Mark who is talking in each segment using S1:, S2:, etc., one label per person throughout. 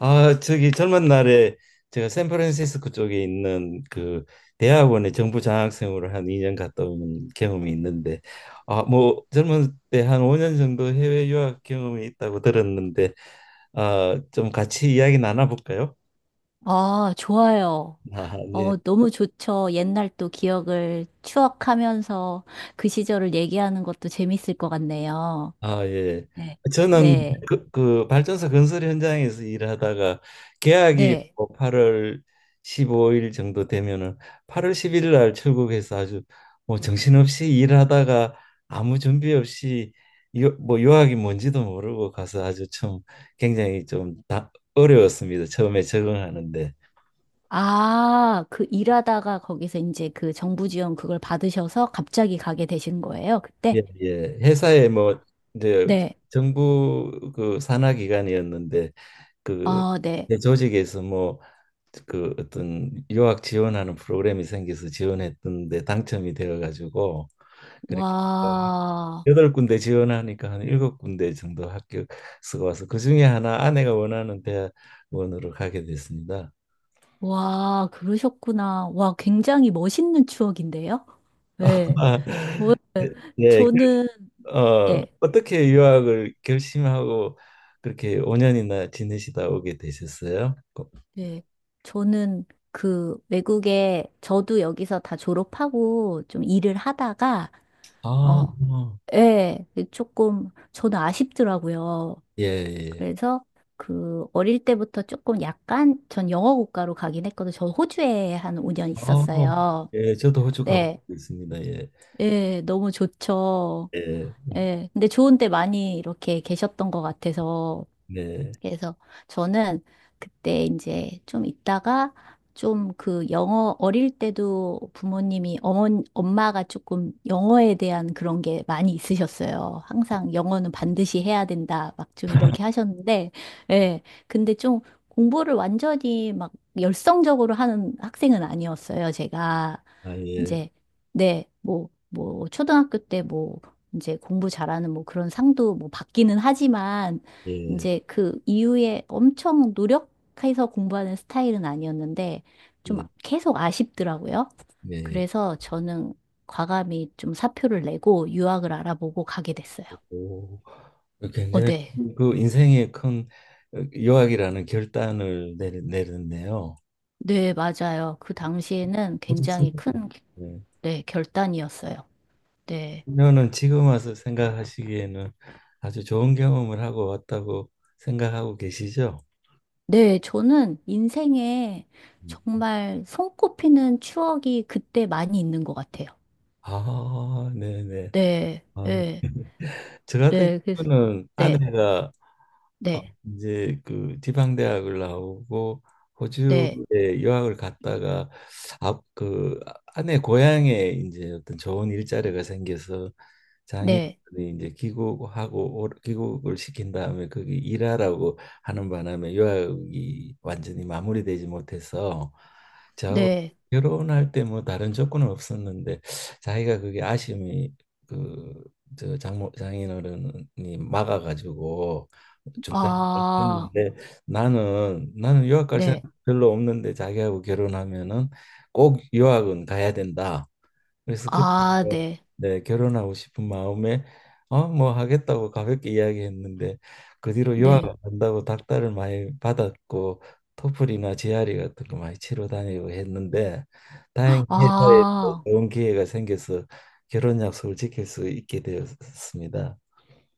S1: 아, 저기 젊은 날에 제가 샌프란시스코 쪽에 있는 그 대학원에 정부 장학생으로 한 2년 갔다 온 경험이 있는데, 아, 뭐 젊은 때 한 5년 정도 해외 유학 경험이 있다고 들었는데, 아, 좀 같이 이야기 나눠볼까요?
S2: 아, 좋아요.
S1: 아, 예.
S2: 어, 너무 좋죠. 옛날 또 기억을 추억하면서 그 시절을 얘기하는 것도 재밌을 것 같네요.
S1: 아, 예.
S2: 네.
S1: 저는
S2: 네.
S1: 그 발전소 건설 현장에서 일하다가 계약이
S2: 네.
S1: 뭐 8월 15일 정도 되면은 8월 11일날 출국해서 아주 뭐 정신없이 일하다가 아무 준비 없이 뭐 유학이 뭔지도 모르고 가서 아주 참 굉장히 좀 어려웠습니다, 처음에 적응하는데.
S2: 아, 그 일하다가 거기서 이제 그 정부 지원 그걸 받으셔서 갑자기 가게 되신 거예요,
S1: 예,
S2: 그때?
S1: 예. 회사에 뭐 이제
S2: 네.
S1: 정부 그 산하 기관이었는데, 그
S2: 아, 네.
S1: 내 조직에서 뭐 그 어떤 유학 지원하는 프로그램이 생겨서 지원했던데 당첨이 되어 가지고, 그렇게
S2: 와,
S1: 여덟 군데 지원하니까 한 일곱 군데 정도 합격 수가 와서 그 중에 하나 아내가 원하는 대학원으로 가게 됐습니다.
S2: 와, 그러셨구나. 와, 굉장히 멋있는 추억인데요? 네. 네.
S1: 예,
S2: 저는,
S1: 어,
S2: 네.
S1: 어떻게 유학을 결심하고 그렇게 5년이나 지내시다 오게 되셨어요? 어,
S2: 네, 저는 그 외국에 저도 여기서 다 졸업하고 좀 일을 하다가
S1: 아,
S2: 어, 예, 네, 조금 저는 아쉽더라고요.
S1: 예, 예.
S2: 그래서 그 어릴 때부터 조금 약간 전 영어 국가로 가긴 했거든요. 저 호주에 한 5년
S1: 아,
S2: 있었어요.
S1: 예, 저도 호주 가보고
S2: 네,
S1: 있습니다. 예,
S2: 예, 너무 좋죠.
S1: 예,
S2: 예, 근데 좋은 데 많이 이렇게 계셨던 것 같아서
S1: 네,
S2: 그래서 저는 그때 이제 좀 있다가 좀 그 영어 어릴 때도 부모님이 어머 엄마가 조금 영어에 대한 그런 게 많이 있으셨어요. 항상 영어는 반드시 해야 된다 막 좀 이렇게 하셨는데 예. 근데 좀 공부를 완전히 막 열성적으로 하는 학생은 아니었어요, 제가.
S1: 아, 예,
S2: 이제 네, 뭐, 초등학교 때 뭐, 이제 공부 잘하는 뭐 그런 상도 뭐 받기는 하지만,
S1: 예,
S2: 이제 그 이후에 엄청 노력해서 공부하는 스타일은 아니었는데 좀
S1: 네,
S2: 계속 아쉽더라고요.
S1: 네.
S2: 그래서 저는 과감히 좀 사표를 내고 유학을 알아보고 가게 됐어요.
S1: 오,
S2: 어,
S1: 굉장히
S2: 네.
S1: 그 인생의 큰 어, 유학이라는 결단을 내렸네요.
S2: 네, 맞아요. 그 당시에는 굉장히 큰,
S1: 어,
S2: 네, 결단이었어요. 네.
S1: 그녀는 지금 와서 생각하시기에는 아주 좋은 경험을 하고 왔다고 생각하고 계시죠?
S2: 네, 저는 인생에
S1: 음.
S2: 정말 손꼽히는 추억이 그때 많이 있는 것 같아요.
S1: 아, 네네.
S2: 네,
S1: 아,
S2: 네,
S1: 저 같은
S2: 네, 그래서,
S1: 경우는
S2: 네,
S1: 아내가 어,
S2: 네,
S1: 이제 그 지방대학을 나오고
S2: 네,
S1: 호주에 유학을 갔다가 아, 그 아내 고향에 이제 어떤 좋은 일자리가 생겨서,
S2: 네.
S1: 장애인들이 이제 귀국하고 귀국을 시킨 다음에 거기 일하라고 하는 바람에 유학이 완전히 마무리되지 못해서 저하고
S2: 네.
S1: 결혼할 때 뭐 다른 조건은 없었는데 자기가 그게 아쉬움이, 그저 장모 장인어른이 막아가지고 중단을
S2: 아,
S1: 했는데, 나는 유학 갈 생각
S2: 네.
S1: 별로 없는데 자기하고 결혼하면은 꼭 유학은 가야 된다. 그래서
S2: 아,
S1: 그때부터,
S2: 네.
S1: 네, 결혼하고 싶은 마음에 어, 뭐 하겠다고 가볍게 이야기했는데 그 뒤로 유학
S2: 네.
S1: 안 간다고 닥달을 많이 받았고 토플이나 GRE 같은 거 많이 치러 다니고 했는데 다행히 회사에서
S2: 아,
S1: 좋은 기회가 생겨서 결혼 약속을 지킬 수 있게 되었습니다.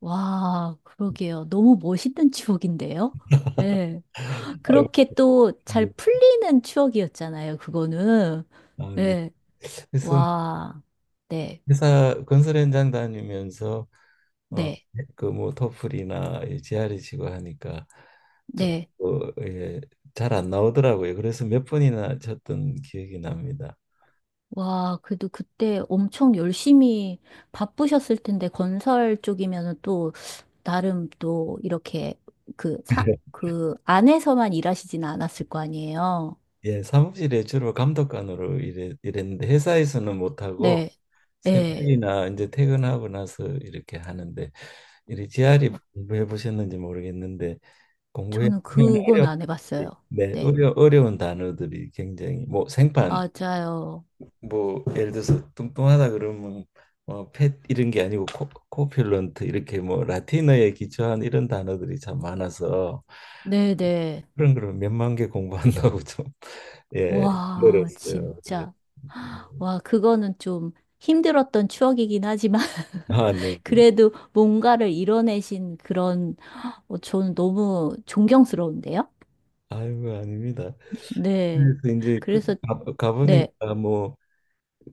S2: 와, 그러게요. 너무 멋있는 추억인데요? 예.
S1: 아,
S2: 그렇게 또 잘 풀리는 추억이었잖아요, 그거는.
S1: 아, 네.
S2: 예.
S1: 그래서
S2: 와, 네.
S1: 회사 건설 현장 다니면서 어,
S2: 네.
S1: 그뭐 토플이나 이 g r 이 치고 하니까 좀
S2: 네.
S1: 어, 예, 잘 안 나오더라고요. 그래서 몇 번이나 쳤던 기억이 납니다.
S2: 와, 그래도 그때 엄청 열심히 바쁘셨을 텐데, 건설 쪽이면은 또, 나름 또 이렇게 그 안에서만 일하시진 않았을 거 아니에요.
S1: 예, 예, 사무실에 주로 감독관으로 일했는데 회사에서는 못하고
S2: 네, 예.
S1: 새벽이나 이제 퇴근하고 나서 이렇게 하는데, 이리 g r 이
S2: 어,
S1: 공부해 보셨는지 모르겠는데 공부해
S2: 저는
S1: 보면
S2: 그건
S1: 어려
S2: 안 해봤어요.
S1: 네,
S2: 네,
S1: 어려운 단어들이 굉장히 뭐 생판,
S2: 맞아요.
S1: 뭐 예를 들어서 뚱뚱하다 그러면 뭐펫 이런 게 아니고 코필런트 이렇게 뭐 라틴어에 기초한 이런 단어들이 참 많아서,
S2: 네네.
S1: 그런 걸 몇만 개 공부한다고 좀 예,
S2: 와,
S1: 힘들었어요. 예.
S2: 진짜. 와, 그거는 좀 힘들었던 추억이긴 하지만,
S1: 아, 네.
S2: 그래도 뭔가를 이뤄내신 그런, 어, 저는 너무 존경스러운데요?
S1: 아이고 아닙니다.
S2: 네.
S1: 그래서 이제 그
S2: 그래서, 네,
S1: 가보니까 뭐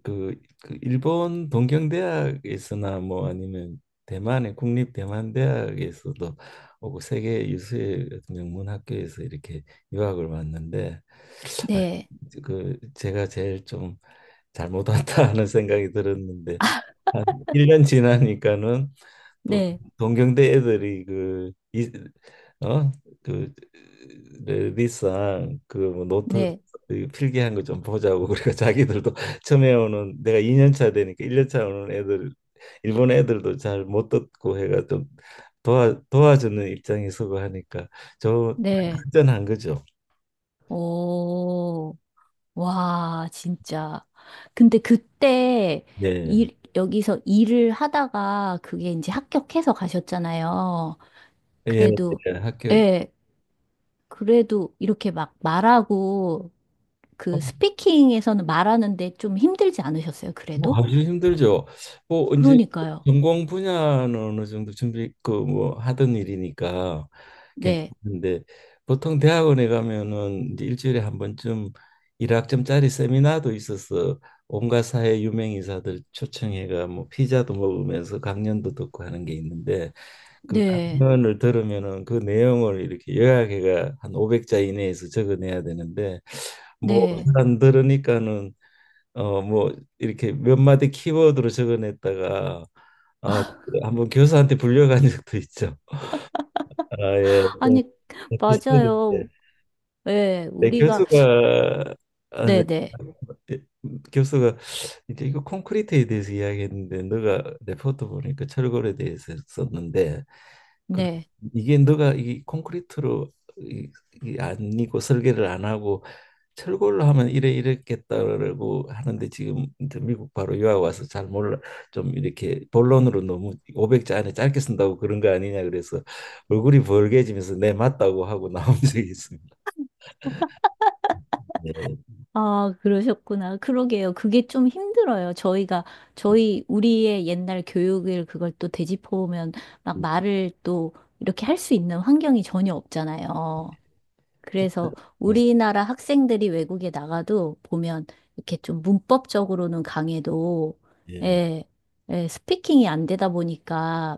S1: 그, 그 일본 동경대학에서나 뭐 아니면 대만의 국립 대만대학에서도 오고 세계 유수의 어떤 명문 학교에서 이렇게 유학을 왔는데, 아,
S2: 네,
S1: 그 제가 제일 좀 잘못 왔다 하는 생각이 들었는데, 한 1년 지나니까는 또
S2: 네,
S1: 동경대 애들이 그 이, 어? 그 레디상 그뭐 노트
S2: 네,
S1: 이 필기한 거 좀 보자고 그러니까 자기들도 처음에 오는 내가 2년 차 되니까 1년 차 오는 애들 일본 애들도 잘 못 듣고 해가 좀 도와주는 입장이 서고 하니까 좀
S2: 네.
S1: 안전한 거죠.
S2: 오. 와, 진짜. 근데 그때
S1: 예.
S2: 여기서 일을 하다가 그게 이제 합격해서 가셨잖아요.
S1: 예,
S2: 그래도,
S1: 예. 학교
S2: 예, 그래도 이렇게 막 말하고 그 스피킹에서는 말하는데 좀 힘들지 않으셨어요,
S1: 뭐
S2: 그래도?
S1: 하기 힘들죠. 뭐 이제
S2: 그러니까요.
S1: 전공 분야는 어느 정도 준비 그 뭐 하던 일이니까
S2: 네,
S1: 괜찮은데, 보통 대학원에 가면은 이제 일주일에 한 번쯤 일학점짜리 세미나도 있어서 온갖 사회 유명 인사들 초청해가 뭐 피자도 먹으면서 강연도 듣고 하는 게 있는데, 그
S2: 네,
S1: 강연을 들으면은 그 내용을 이렇게 요약해가 한 500자 이내에서 적어내야 되는데 뭐
S2: 네.
S1: 일단 들으니까는 어 뭐 이렇게 몇 마디 키워드로 적어냈다가 아 한번 교사한테 불려간 적도 있죠. 아 예. 좀
S2: 아니, 맞아요.
S1: 비슷한데.
S2: 예,
S1: 네,
S2: 우리가,
S1: 교수가, 아, 네.
S2: 네네, 네.
S1: 예, 교수가 이제 이거 콘크리트에 대해서 이야기했는데 너가 레포트 보니까 철골에 대해서 썼는데, 그
S2: 네, 네.
S1: 이게 너가 이 콘크리트로 이, 이 아니고 설계를 안 하고 철골로 하면 이래 이랬겠다라고 하는데 지금 이제 미국 바로 유학 와서 잘 몰라 좀 이렇게 본론으로 너무 500자 안에 짧게 쓴다고 그런 거 아니냐 그래서, 얼굴이 벌게지면서 네 맞다고 하고 나온 적이 있습니다. 네.
S2: 아, 그러셨구나. 그러게요. 그게 좀 힘들어요. 저희, 우리의 옛날 교육을 그걸 또 되짚어보면 막 말을 또 이렇게 할 수 있는 환경이 전혀 없잖아요. 그래서 우리나라 학생들이 외국에 나가도 보면 이렇게 좀 문법적으로는 강해도,
S1: 예,
S2: 예, 예, 스피킹이 안 되다 보니까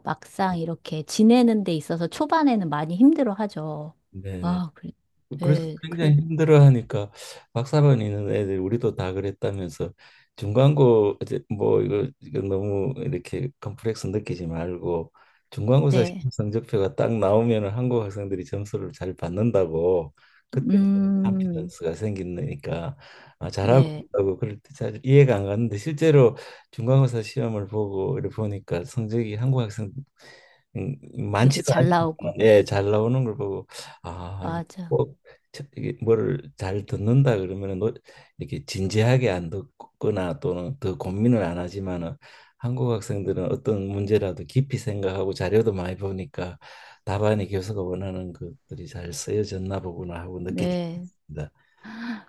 S1: 예.
S2: 막상 이렇게 지내는 데 있어서 초반에는 많이 힘들어 하죠.
S1: 네네.
S2: 아, 그래,
S1: 그래서
S2: 네, 그래,
S1: 굉장히 힘들어하니까 박사반 있는 애들 우리도 다 그랬다면서 중간고 이제 뭐 이거 너무 이렇게 컴플렉스 느끼지 말고 중간고사
S2: 네.
S1: 시험 성적표가 딱 나오면은 한국 학생들이 점수를 잘 받는다고, 그때
S2: 음.
S1: 컨피던스가 생기니까 아, 잘하고
S2: 네.
S1: 있다고 그럴 때 잘 이해가 안 갔는데 실제로 중간고사 시험을 보고 이렇게 보니까 성적이 한국 학생 음,
S2: 들이
S1: 많지도
S2: 잘
S1: 않지만
S2: 나오고.
S1: 예, 잘 나오는 걸 보고 아,
S2: 맞아.
S1: 꼭 이게 뭐를 잘 듣는다 그러면은 이렇게 진지하게 안 듣거나 또는 더 고민을 안 하지만은 한국 학생들은 어떤 문제라도 깊이 생각하고 자료도 많이 보니까 답안이 교수가 원하는 것들이 잘 쓰여졌나 보구나 하고 느낀 적이
S2: 네.
S1: 있습니다.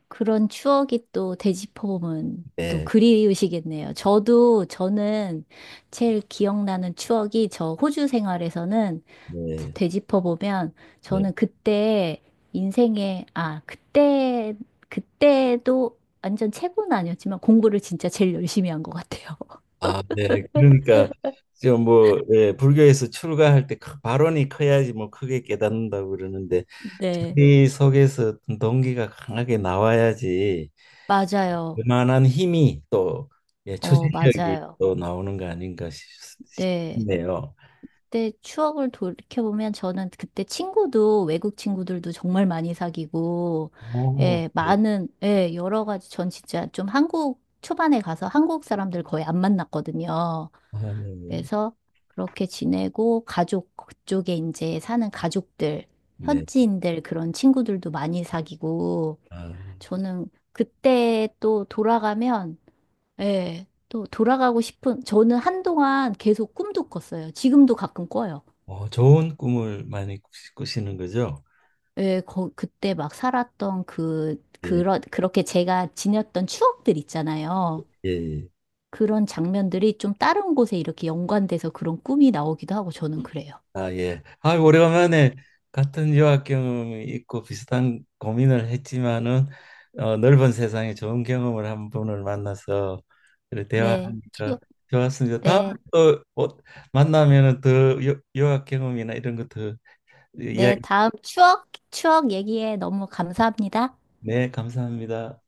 S2: 그런 추억이 또 되짚어보면 또
S1: 네,
S2: 그리우시겠네요. 저도, 저는 제일 기억나는 추억이 저 호주 생활에서는
S1: 네,
S2: 되짚어보면
S1: 네.
S2: 저는 그때 인생에, 아, 그때, 그때도 완전 최고는 아니었지만 공부를 진짜 제일 열심히 한 것 같아요.
S1: 아, 네. 그러니까 지금 뭐 예, 불교에서 출가할 때 발언이 커야지 뭐 크게 깨닫는다고 그러는데,
S2: 네.
S1: 자기 속에서 어떤 동기가 강하게 나와야지
S2: 맞아요.
S1: 그만한 힘이 또 예,
S2: 어,
S1: 추진력이
S2: 맞아요.
S1: 또 나오는 거 아닌가
S2: 네.
S1: 싶네요.
S2: 그때 추억을 돌이켜보면 저는 그때 친구도 외국 친구들도 정말 많이 사귀고,
S1: 오,
S2: 예,
S1: 네.
S2: 많은, 예, 여러 가지 전 진짜 좀 한국 초반에 가서 한국 사람들 거의 안 만났거든요.
S1: 아, 네.
S2: 그래서 그렇게 지내고 가족 그쪽에 이제 사는 가족들,
S1: 네.
S2: 현지인들 그런 친구들도 많이 사귀고,
S1: 아,
S2: 저는 그때 또 돌아가면, 예, 또 돌아가고 싶은, 저는 한동안 계속 꿈도 꿨어요. 지금도 가끔 꿔요.
S1: 어, 좋은 꿈을 많이 꾸시는 거죠?
S2: 예, 거, 그때 막 살았던 그,
S1: 예,
S2: 그런, 그렇게 제가 지녔던 추억들 있잖아요.
S1: 예. 예.
S2: 그런 장면들이 좀 다른 곳에 이렇게 연관돼서 그런 꿈이 나오기도 하고 저는 그래요.
S1: 아, 예. 아, 오래간만에 같은 유학 경험이 있고 비슷한 고민을 했지만은 어, 넓은 세상에 좋은 경험을 한 분을 만나서 그래,
S2: 네,
S1: 대화하니까 좋았습니다. 다음에
S2: 네,
S1: 또 뭐, 만나면은 더 유학 경험이나 이런 것도
S2: 네,
S1: 이야기.
S2: 다음 추억, 추억 얘기에 너무 감사합니다.
S1: 네, 감사합니다.